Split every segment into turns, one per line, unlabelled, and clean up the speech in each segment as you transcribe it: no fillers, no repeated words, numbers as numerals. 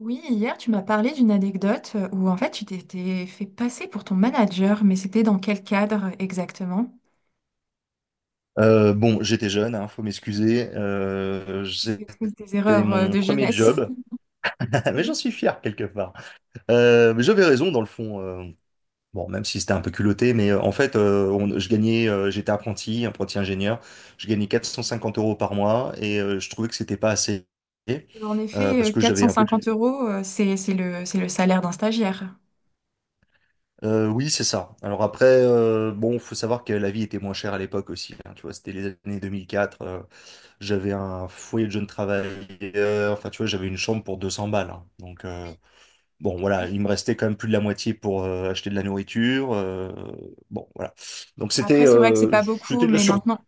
Oui, hier, tu m'as parlé d'une anecdote où en fait tu t'étais fait passer pour ton manager, mais c'était dans quel cadre exactement?
Bon, j'étais jeune, hein, faut m'excuser.
J'ai pris tes
C'était
erreurs
mon
de
premier
jeunesse.
job, mais j'en
Oui.
suis fier quelque part. Mais j'avais raison dans le fond. Bon, même si c'était un peu culotté, mais en fait, je gagnais, j'étais apprenti, apprenti ingénieur. Je gagnais 450 euros par mois, et je trouvais que c'était pas assez
En effet,
parce que
quatre
j'avais
cent
un peu.
cinquante euros, c'est le salaire d'un stagiaire.
Oui, c'est ça. Alors après, bon, faut savoir que la vie était moins chère à l'époque aussi, hein, tu vois, c'était les années 2004. J'avais un foyer de jeune travailleur. Enfin, tu vois, j'avais une chambre pour 200 balles, hein. Donc, bon, voilà, il me restait quand même plus de la moitié pour acheter de la nourriture. Bon, voilà. Donc, c'était
Après, c'est vrai que c'est pas beaucoup,
c'était de la
mais
survie,
maintenant,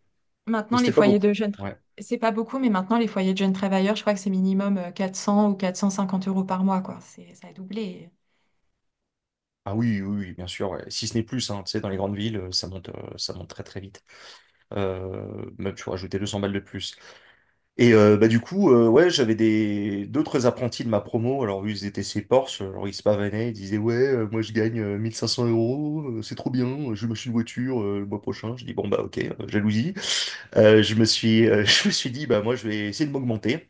mais
maintenant les
c'était pas
foyers
beaucoup.
de jeunes, tra-
Ouais.
c'est pas beaucoup, mais maintenant les foyers de jeunes travailleurs, je crois que c'est minimum 400 ou 450 euros par mois, quoi. C'est, ça a doublé.
Ah oui, oui, oui, bien sûr. Ouais. Si ce n'est plus, hein, tu sais, dans les grandes villes, ça monte très, très vite. Même, tu vois, rajouter 200 balles de plus. Et bah du coup, ouais, j'avais des d'autres apprentis de ma promo. Alors eux, ils étaient chez Porsche, alors ils se pavanaient, ils disaient ouais, moi je gagne 1500 euros, c'est trop bien, je vais m'acheter une voiture le mois prochain. Je dis bon bah ok, jalousie. Je me suis je me suis dit bah moi je vais essayer de m'augmenter.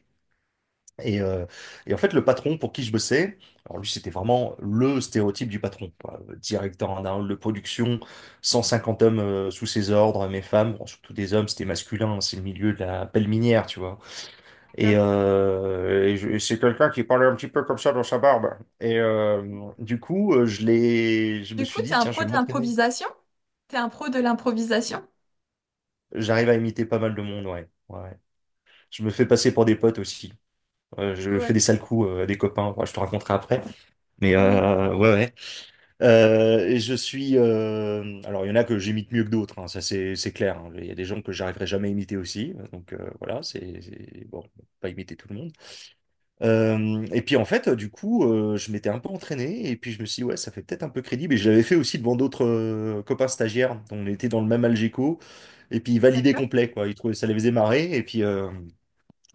Et, euh, et en fait le patron pour qui je bossais, alors lui c'était vraiment le stéréotype du patron, quoi. Directeur en hall de production, 150 hommes sous ses ordres, mes femmes, bon, surtout des hommes, c'était masculin, hein, c'est le milieu de la pelle minière, tu vois.
D'accord.
Et c'est quelqu'un qui parlait un petit peu comme ça dans sa barbe. Et du coup, je me
Du coup,
suis
t'es
dit,
un
tiens,
pro
je
de
vais m'entraîner.
l'improvisation? T'es un pro de l'improvisation?
J'arrive à imiter pas mal de monde, ouais. Ouais, ouais. Je me fais passer pour des potes aussi. Je fais
Ouais.
des sales coups à des copains. Ouais, je te raconterai après. Mais
Oui.
ouais, ouais. Et je suis. Alors, il y en a que j'imite mieux que d'autres, hein, ça, c'est clair, hein. Il y a des gens que j'arriverai jamais à imiter aussi. Donc voilà, bon, faut pas imiter tout le monde. Et puis en fait, du coup, je m'étais un peu entraîné et puis je me suis dit, ouais, ça fait peut-être un peu crédible. Et je l'avais fait aussi devant d'autres copains stagiaires. On était dans le même Algeco et puis ils validaient
D'accord.
complet, quoi. Ils trouvaient ça les faisait marrer. Et puis,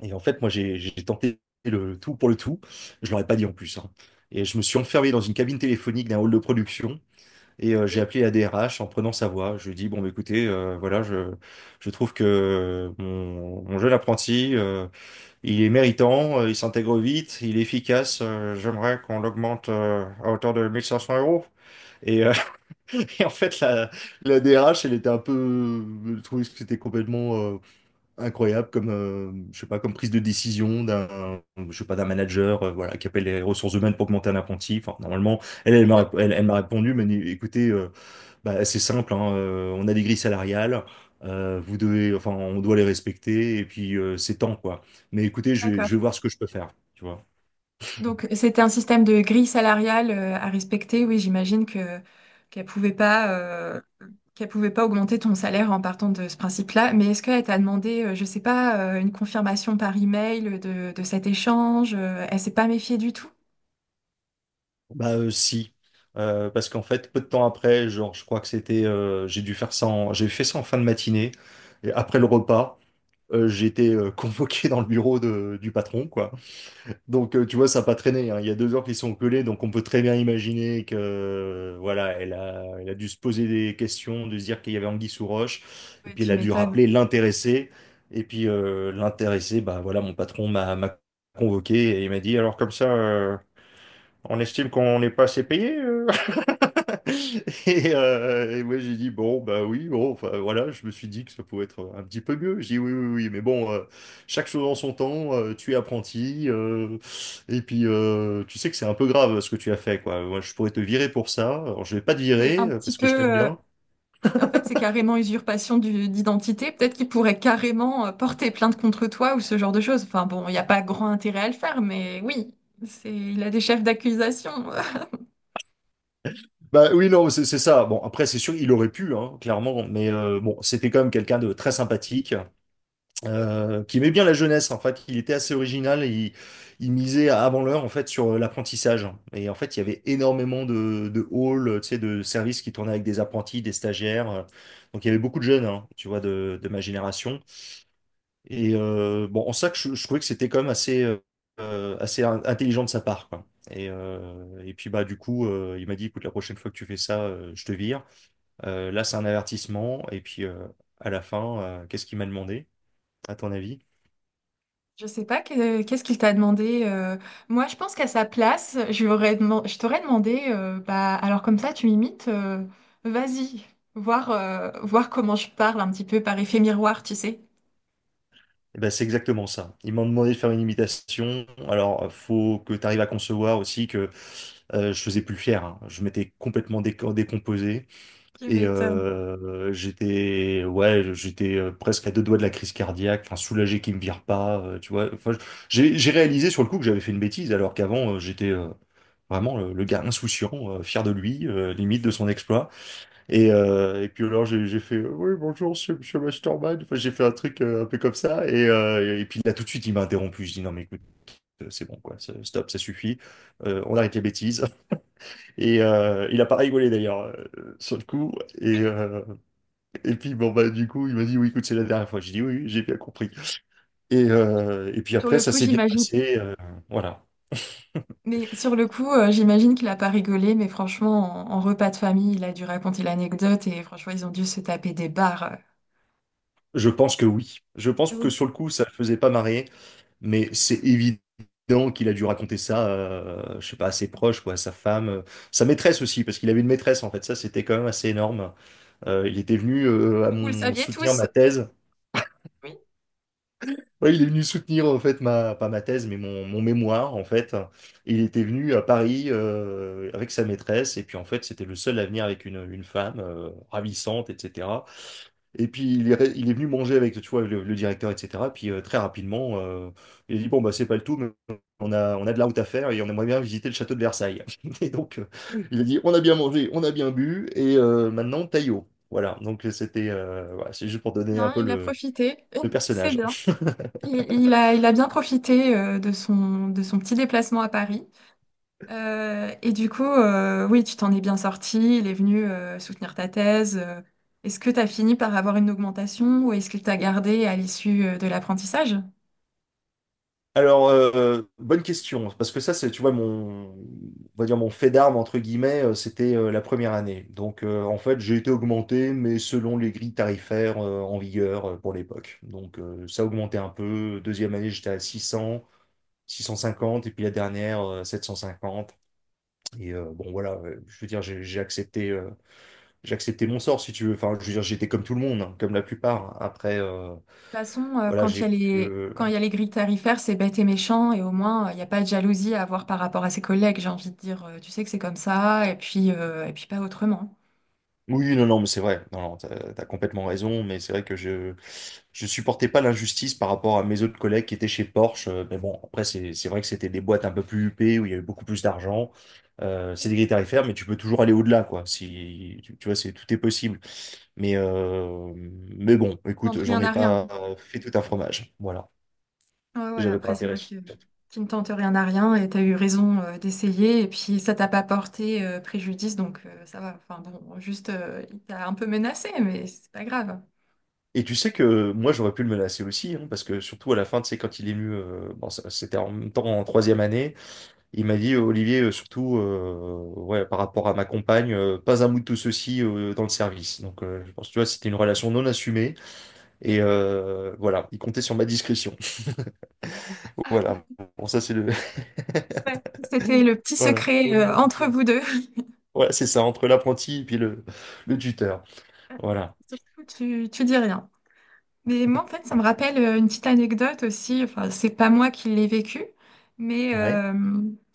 et en fait, moi, j'ai tenté le tout pour le tout. Je leur ai pas dit en plus, hein. Et je me suis enfermé dans une cabine téléphonique d'un hall de production et j'ai
Oui,
appelé la DRH en prenant sa voix. Je lui ai dit, bon, bah, écoutez, voilà, je trouve que mon jeune apprenti, il est méritant, il s'intègre vite, il est efficace. J'aimerais qu'on l'augmente à hauteur de 1500 euros. Et, euh, et en fait, la DRH, elle était un peu... Je trouvais que c'était complètement incroyable comme, je sais pas, comme prise de décision je sais pas, d'un manager, voilà, qui appelle les ressources humaines pour augmenter un apprenti. Enfin, normalement,
d'ac-
elle m'a répondu, mais écoutez, bah, c'est simple, hein, on a des grilles salariales, enfin, on doit les respecter, et puis c'est temps, quoi. Mais écoutez, je
d'accord.
vais voir ce que je peux faire, tu vois.
Donc, c'était un système de grille salariale à respecter. Oui, j'imagine que qu'elle pouvait pas euh, qu'elle pouvait pas augmenter ton salaire en partant de ce principe-là. Mais est-ce qu'elle t'a demandé, je sais pas, une confirmation par email de cet échange? Elle s'est pas méfiée du tout?
Bah si. Parce qu'en fait, peu de temps après, genre, je crois que c'était, j'ai fait ça en fin de matinée, et après le repas, j'ai été convoqué dans le bureau du patron, quoi. Donc, tu vois, ça n'a pas traîné, hein. Il y a 2 heures qu'ils sont collés, donc on peut très bien imaginer que, voilà, elle a dû se poser des questions, de se dire qu'il y avait anguille sous roche, et
Ouais,
puis elle
tu
a dû
m'étonnes.
rappeler l'intéressé. Et puis l'intéressé, bah voilà, mon patron m'a convoqué et il m'a dit, alors comme ça, on estime qu'on n'est pas assez payé. Et moi j'ai dit bon bah oui bon enfin voilà je me suis dit que ça pouvait être un petit peu mieux, j'ai dit oui oui oui, mais bon chaque chose en son temps, tu es apprenti, et puis tu sais que c'est un peu grave ce que tu as fait, quoi, moi je pourrais te virer pour ça, alors je vais pas te
C'est
virer
un petit
parce que je t'aime
peu. euh,
bien.
En fait, c'est carrément usurpation d'identité. Peut-être qu'il pourrait carrément porter plainte contre toi ou ce genre de choses. Enfin bon, il n'y a pas grand intérêt à le faire, mais oui, il a des chefs d'accusation.
Bah oui non c'est ça, bon après c'est sûr il aurait pu, hein, clairement, mais bon c'était quand même quelqu'un de très sympathique,
Oui,
qui aimait bien la jeunesse, en fait, il était assez original, et il misait avant l'heure en fait sur l'apprentissage. Et en fait, il y avait énormément de halls, tu sais, de services qui tournaient avec des apprentis, des stagiaires. Donc il y avait beaucoup de jeunes, hein, tu vois, de ma génération. Et bon, en ça, je trouvais que c'était quand même assez, intelligent de sa part, quoi. Et puis bah du coup il m'a dit écoute la prochaine fois que tu fais ça je te vire. Là c'est un avertissement, et puis à la fin qu'est-ce qu'il m'a demandé, à ton avis?
je sais pas qu'est-ce qu'il t'a demandé. Moi, je pense qu'à sa place, je t'aurais demandé, bah, alors comme ça, tu m'imites, vas-y, voir, voir comment je parle un petit peu par effet miroir, tu sais.
Eh ben, c'est exactement ça. Ils m'ont demandé de faire une imitation. Alors, faut que tu arrives à concevoir aussi que je faisais plus le fier, hein. Je m'étais complètement décomposé
Tu
et
m'étonnes.
ouais, j'étais presque à deux doigts de la crise cardiaque. Enfin, soulagé qu'ils me virent pas, tu vois. Enfin, j'ai réalisé sur le coup que j'avais fait une bêtise, alors qu'avant j'étais vraiment le gars insouciant, fier de lui, limite de son exploit. Et puis alors j'ai fait Oui bonjour monsieur, monsieur Masterman. Enfin, j'ai fait un truc un peu comme ça, et puis là tout de suite il m'a interrompu. Je dis non mais écoute c'est bon quoi stop ça suffit. On arrête les bêtises. Et il a pas rigolé d'ailleurs sur le coup, et
Oui.
euh, et puis bon bah du coup il m'a dit oui écoute c'est la dernière fois. J'ai dit oui oui, j'ai bien compris, et puis
Sur
après
le
ça
coup,
s'est bien
j'imagine.
passé, voilà.
Mais sur le coup, j'imagine qu'il a pas rigolé, mais franchement, en repas de famille, il a dû raconter l'anecdote et franchement, ils ont dû se taper des barres.
Je pense que oui. Je pense que
Oui,
sur le coup, ça le faisait pas marrer, mais c'est évident qu'il a dû raconter ça, je sais pas, à ses proches, quoi, à sa femme, sa maîtresse aussi, parce qu'il avait une maîtresse en fait. Ça, c'était quand même assez énorme. Il était venu à
vous le
mon
saviez
soutenir
tous.
ma thèse.
Oui,
Oui, il est venu soutenir en fait ma pas ma thèse, mais mon mémoire en fait. Il était venu à Paris avec sa maîtresse, et puis en fait, c'était le seul à venir avec une femme ravissante, etc. Et puis il est venu manger avec tu vois, le directeur, etc. Puis très rapidement, il a dit, bon, bah, c'est pas le tout, mais on a de la route à faire et on aimerait bien visiter le château de Versailles. Et donc, il a dit, on a bien mangé, on a bien bu, et maintenant, Taillot. Voilà, donc c'était, voilà, c'est juste pour donner un
hein,
peu
il a profité.
le
C'est
personnage.
bien. Il a bien profité de son petit déplacement à Paris. Et du coup, oui, tu t'en es bien sorti. Il est venu soutenir ta thèse. Est-ce que tu as fini par avoir une augmentation ou est-ce qu'il t'a gardé à l'issue de l'apprentissage?
Alors, bonne question, parce que ça, c'est, tu vois, on va dire mon fait d'armes, entre guillemets, c'était la première année. Donc, en fait, j'ai été augmenté, mais selon les grilles tarifaires en vigueur pour l'époque. Donc, ça a augmenté un peu. Deuxième année, j'étais à 600, 650, et puis la dernière, 750. Et bon, voilà, je veux dire, j'ai accepté, j'ai accepté mon sort, si tu veux. Enfin, je veux dire, j'étais comme tout le monde, hein, comme la plupart. Après,
De toute façon,
voilà,
quand il y
j'ai
a
pu,
les,
euh,
quand il y a les grilles tarifaires, c'est bête et méchant, et au moins, il n'y a pas de jalousie à avoir par rapport à ses collègues, j'ai envie de dire, tu sais que c'est comme ça, et puis pas autrement.
Oui, non, non, mais c'est vrai. Non, non, t'as complètement raison, mais c'est vrai que je supportais pas l'injustice par rapport à mes autres collègues qui étaient chez Porsche. Mais bon, après, c'est vrai que c'était des boîtes un peu plus huppées où il y avait beaucoup plus d'argent. C'est des grilles tarifaires, mais tu peux toujours aller au-delà, quoi. Si tu, tu vois, c'est tout est possible. Mais euh, mais bon,
Tente
écoute, j'en
rien
ai
à rien.
pas fait tout un fromage. Voilà,
Ouais, ouais,
j'avais pas
après, c'est
intérêt.
vrai que tu ne tentes rien à rien, et tu as eu raison, d'essayer, et puis ça t'a pas porté, préjudice, donc ça va. Enfin bon, juste, il t'a un peu menacé, mais c'est pas grave.
Et tu sais que moi j'aurais pu le menacer aussi, hein, parce que surtout à la fin, tu sais, quand il est venu, bon, c'était en même temps en troisième année. Il m'a dit, Olivier, surtout, ouais, par rapport à ma compagne, pas un mot de tout ceci dans le service. Donc, je pense, tu vois, c'était une relation non assumée.
Oui,
Voilà, il comptait sur ma discrétion. Voilà. Bon, ça, c'est le.
ouais, c'était le petit
Voilà.
secret,
Mon
entre
ineptition.
vous deux.
Voilà, c'est ça, entre l'apprenti et puis le tuteur. Voilà.
Surtout, tu dis rien. Mais moi, en fait, ça me rappelle une petite anecdote aussi. Enfin, c'est pas moi qui l'ai vécu, mais
Ouais.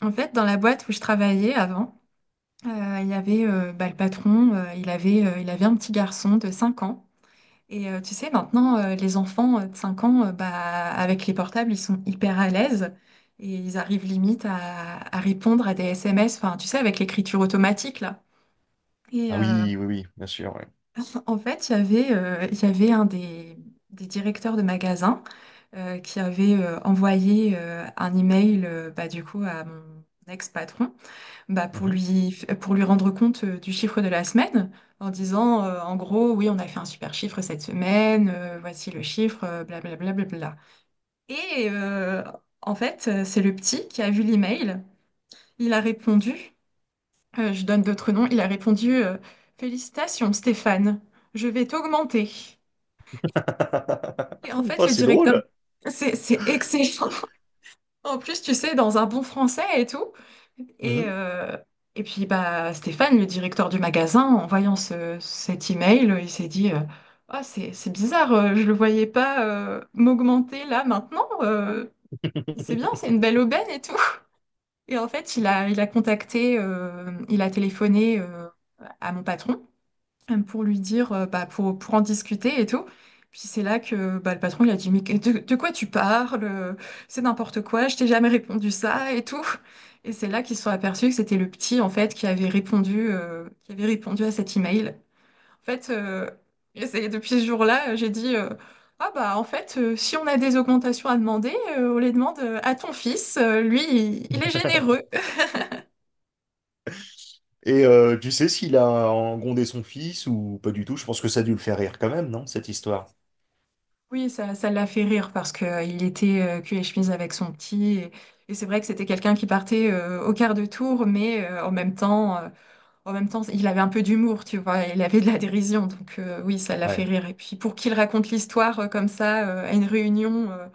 en fait, dans la boîte où je travaillais avant, il y avait bah, le patron, il avait un petit garçon de 5 ans. Et tu sais, maintenant, les enfants de 5 ans, bah, avec les portables, ils sont hyper à l'aise et ils arrivent limite à répondre à des SMS, enfin, tu sais, avec l'écriture automatique, là. Et
Ah oui, oui, oui, bien sûr, ouais.
en fait, il y avait des directeurs de magasin qui avait envoyé un email bah, du coup à mon ex-patron bah, pour
Mhm.
lui, pour lui rendre compte du chiffre de la semaine en disant en gros oui on a fait un super chiffre cette semaine, voici le chiffre, blablabla, blablabla. Et en fait c'est le petit qui a vu l'email, il a répondu, je donne d'autres noms, il a répondu Félicitations Stéphane, je vais t'augmenter. Et en fait
Oh,
le
c'est
directeur.
drôle.
C'est excellent. En plus, tu sais, dans un bon français et tout. Et,
Mhm.
euh, et puis, bah, Stéphane, le directeur du magasin, en voyant cet email, il s'est dit, ah, c'est bizarre, je le voyais pas m'augmenter là maintenant. C'est bien, c'est une belle aubaine et tout. Et en fait, il a contacté, il a téléphoné à mon patron pour lui dire, bah, pour en discuter et tout. Puis c'est là que bah, le patron il a dit, mais de quoi tu parles? C'est n'importe quoi, je t'ai jamais répondu ça et tout. Et c'est là qu'ils se sont aperçus que c'était le petit en fait qui avait répondu à cet email. En fait, et c'est depuis ce jour-là, j'ai dit, ah bah en fait, si on a des augmentations à demander, on les demande à ton fils. Lui, il est généreux.
Tu sais s'il a engondé son fils ou pas du tout? Je pense que ça a dû le faire rire quand même, non, cette histoire?
Oui, ça l'a fait rire parce que il était cul et chemise avec son petit. Et c'est vrai que c'était quelqu'un qui partait au quart de tour, mais en même temps, il avait un peu d'humour, tu vois. Il avait de la dérision, donc oui, ça l'a fait
Ouais.
rire. Et puis pour qu'il raconte l'histoire comme ça à une réunion,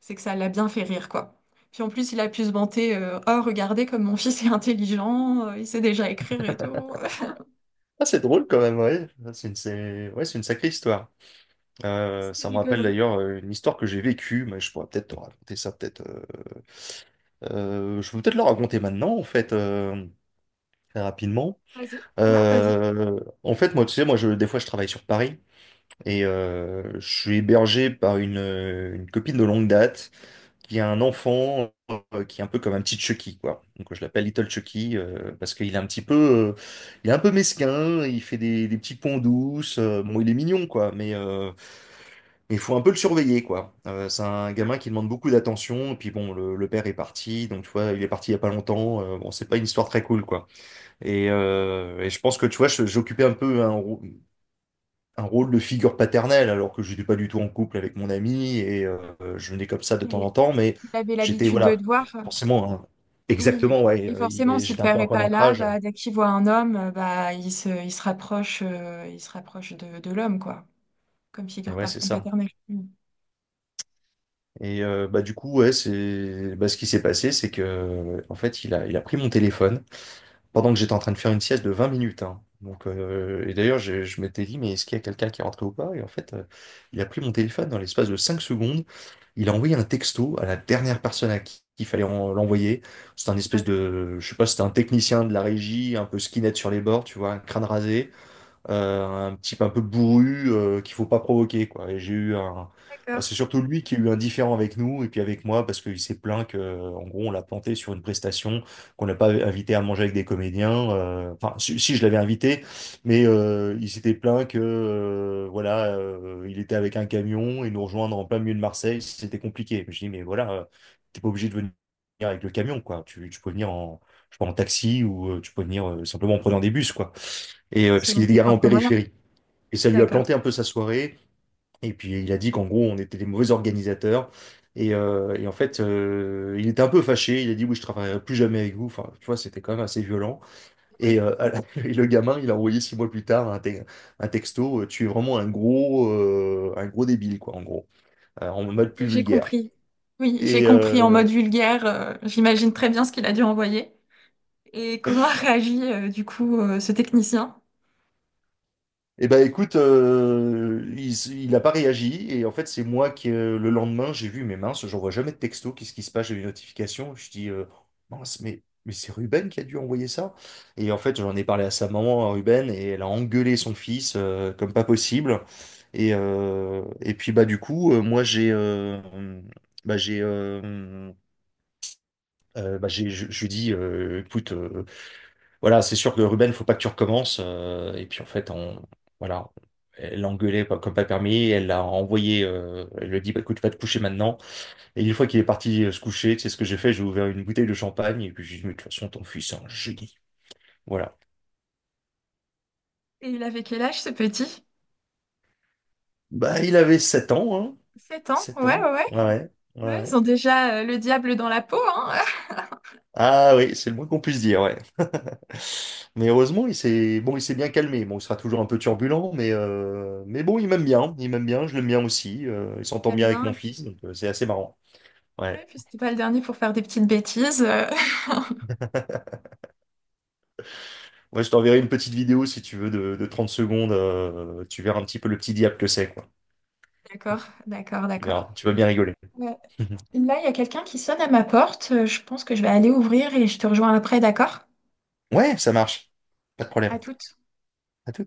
c'est que ça l'a bien fait rire, quoi. Puis en plus, il a pu se vanter, oh, regardez comme mon fils est intelligent, il sait déjà écrire et tout.
Ah, c'est drôle quand même, ouais. Ah, ouais, c'est une sacrée histoire.
C'était
Ça me rappelle
rigolo.
d'ailleurs une histoire que j'ai vécue, mais je pourrais peut-être te raconter ça, peut-être. Je peux peut-être la raconter maintenant, en fait, très rapidement.
Vas-y. Ouais, vas-y.
En fait, moi, tu sais, moi, je, des fois, je travaille sur Paris et je suis hébergé par une copine de longue date qui a un enfant qui est un peu comme un petit Chucky, quoi. Donc je l'appelle Little Chucky parce qu'il est un petit peu, il est un peu mesquin, il fait des petits ponts douces. Bon, il est mignon, quoi, mais il faut un peu le surveiller, quoi. C'est un gamin qui demande beaucoup d'attention. Et puis bon, le père est parti, donc tu vois, il est parti il y a pas longtemps. Bon, c'est pas une histoire très cool, quoi. Et je pense que tu vois, j'occupais un peu un rôle de figure paternelle, alors que je n'étais pas du tout en couple avec mon ami et je venais comme ça de temps
Et
en temps, mais
il avait
j'étais,
l'habitude de te
voilà,
voir.
forcément, hein,
Oui,
exactement, ouais,
et forcément, si le
j'étais un peu
père
un
est
point
pas là,
d'ancrage.
bah, dès qu'il voit un homme, bah, il se rapproche de l'homme, quoi, comme
Et
figure
ouais,
par-
c'est ça.
paternelle. Mm.
Bah, du coup, ouais, c'est bah, ce qui s'est passé, c'est que en fait, il a pris mon téléphone pendant que j'étais en train de faire une sieste de 20 minutes, hein. Donc, et d'ailleurs, je m'étais dit, mais est-ce qu'il y a quelqu'un qui est rentré ou pas? Et en fait, il a pris mon téléphone dans l'espace de 5 secondes. Il a envoyé un texto à la dernière personne à qui il fallait l'envoyer. C'était un espèce
Voilà,
de, je sais pas, c'était un technicien de la régie, un peu skinhead sur les bords, tu vois, crâne rasé, un type un peu bourru qu'il faut pas provoquer, quoi. Et j'ai eu un... bah,
d'accord.
c'est surtout lui qui a eu un différend avec nous et puis avec moi parce qu'il s'est plaint que, en gros, on l'a planté sur une prestation, qu'on n'a pas invité à manger avec des comédiens. Enfin, si, si, je l'avais invité, il s'était plaint que, voilà, il était avec un camion et nous rejoindre en plein milieu de Marseille, c'était compliqué. Je dis, mais voilà, t'es pas obligé de venir avec le camion, quoi. Tu peux venir en, je sais pas, en taxi ou tu peux venir simplement en prenant des bus, quoi. Parce
Selon
qu'il est
tes
garé en
propres moyens.
périphérie. Et ça lui a
D'accord.
planté un peu sa soirée. Et puis il a dit qu'en gros, on était des mauvais organisateurs. Et en fait, il était un peu fâché. Il a dit, oui, je travaillerai plus jamais avec vous. Enfin, tu vois, c'était quand même assez violent. Et,
Oui,
et le gamin, il a envoyé 6 mois plus tard un texto. Tu es vraiment un gros débile, quoi, en gros, en mode
ok,
plus
j'ai
vulgaire.
compris. Oui, j'ai
Et,
compris en
euh,
mode vulgaire. J'imagine très bien ce qu'il a dû envoyer. Et comment a réagi, du coup, ce technicien?
Eh ben écoute, il a pas réagi et en fait c'est moi qui le lendemain j'ai vu mes minces, j'envoie jamais de texto, qu'est-ce qui se passe? J'ai eu une notification, je dis mince mais c'est Ruben qui a dû envoyer ça. Et en fait j'en ai parlé à sa maman, à Ruben, et elle a engueulé son fils comme pas possible. Et puis bah du coup moi j'ai bah j'ai bah j'ai je lui dis écoute, voilà, c'est sûr que Ruben, faut pas que tu recommences. Et puis en fait, on, voilà, elle l'a engueulé comme pas permis. Elle l'a envoyé. Elle lui a dit, bah, écoute, va te coucher maintenant. Et une fois qu'il est parti se coucher, c'est ce que j'ai fait. J'ai ouvert une bouteille de champagne et puis j'ai dit, mais de toute façon, ton fils c'est un génie. Voilà.
Et il avait quel âge, ce petit?
Bah, il avait 7 ans, hein.
7 ans, ouais,
7 ans.
ouais, ouais.
Ouais, ouais,
Ouais, ils
ouais.
ont déjà le diable dans la peau, hein.
Ah oui, c'est le moins qu'on puisse dire, ouais. Mais heureusement, il s'est bien calmé. Bon, il sera toujours un peu turbulent, mais bon, il m'aime bien, je l'aime bien aussi. Il s'entend
J'aime
bien avec mon
bien.
fils, donc c'est assez marrant. Ouais.
Ouais, puis c'était pas le dernier pour faire des petites bêtises.
Ouais, je t'enverrai une petite vidéo si tu veux de 30 secondes. Tu verras un petit peu le petit diable que c'est, quoi.
D'accord, d'accord,
Tu
d'accord.
verras, tu vas bien rigoler.
Ouais. Là, il y a quelqu'un qui sonne à ma porte. Je pense que je vais aller ouvrir et je te rejoins après, d'accord?
Ouais, ça marche. Pas de
À
problème.
toutes.
À tout.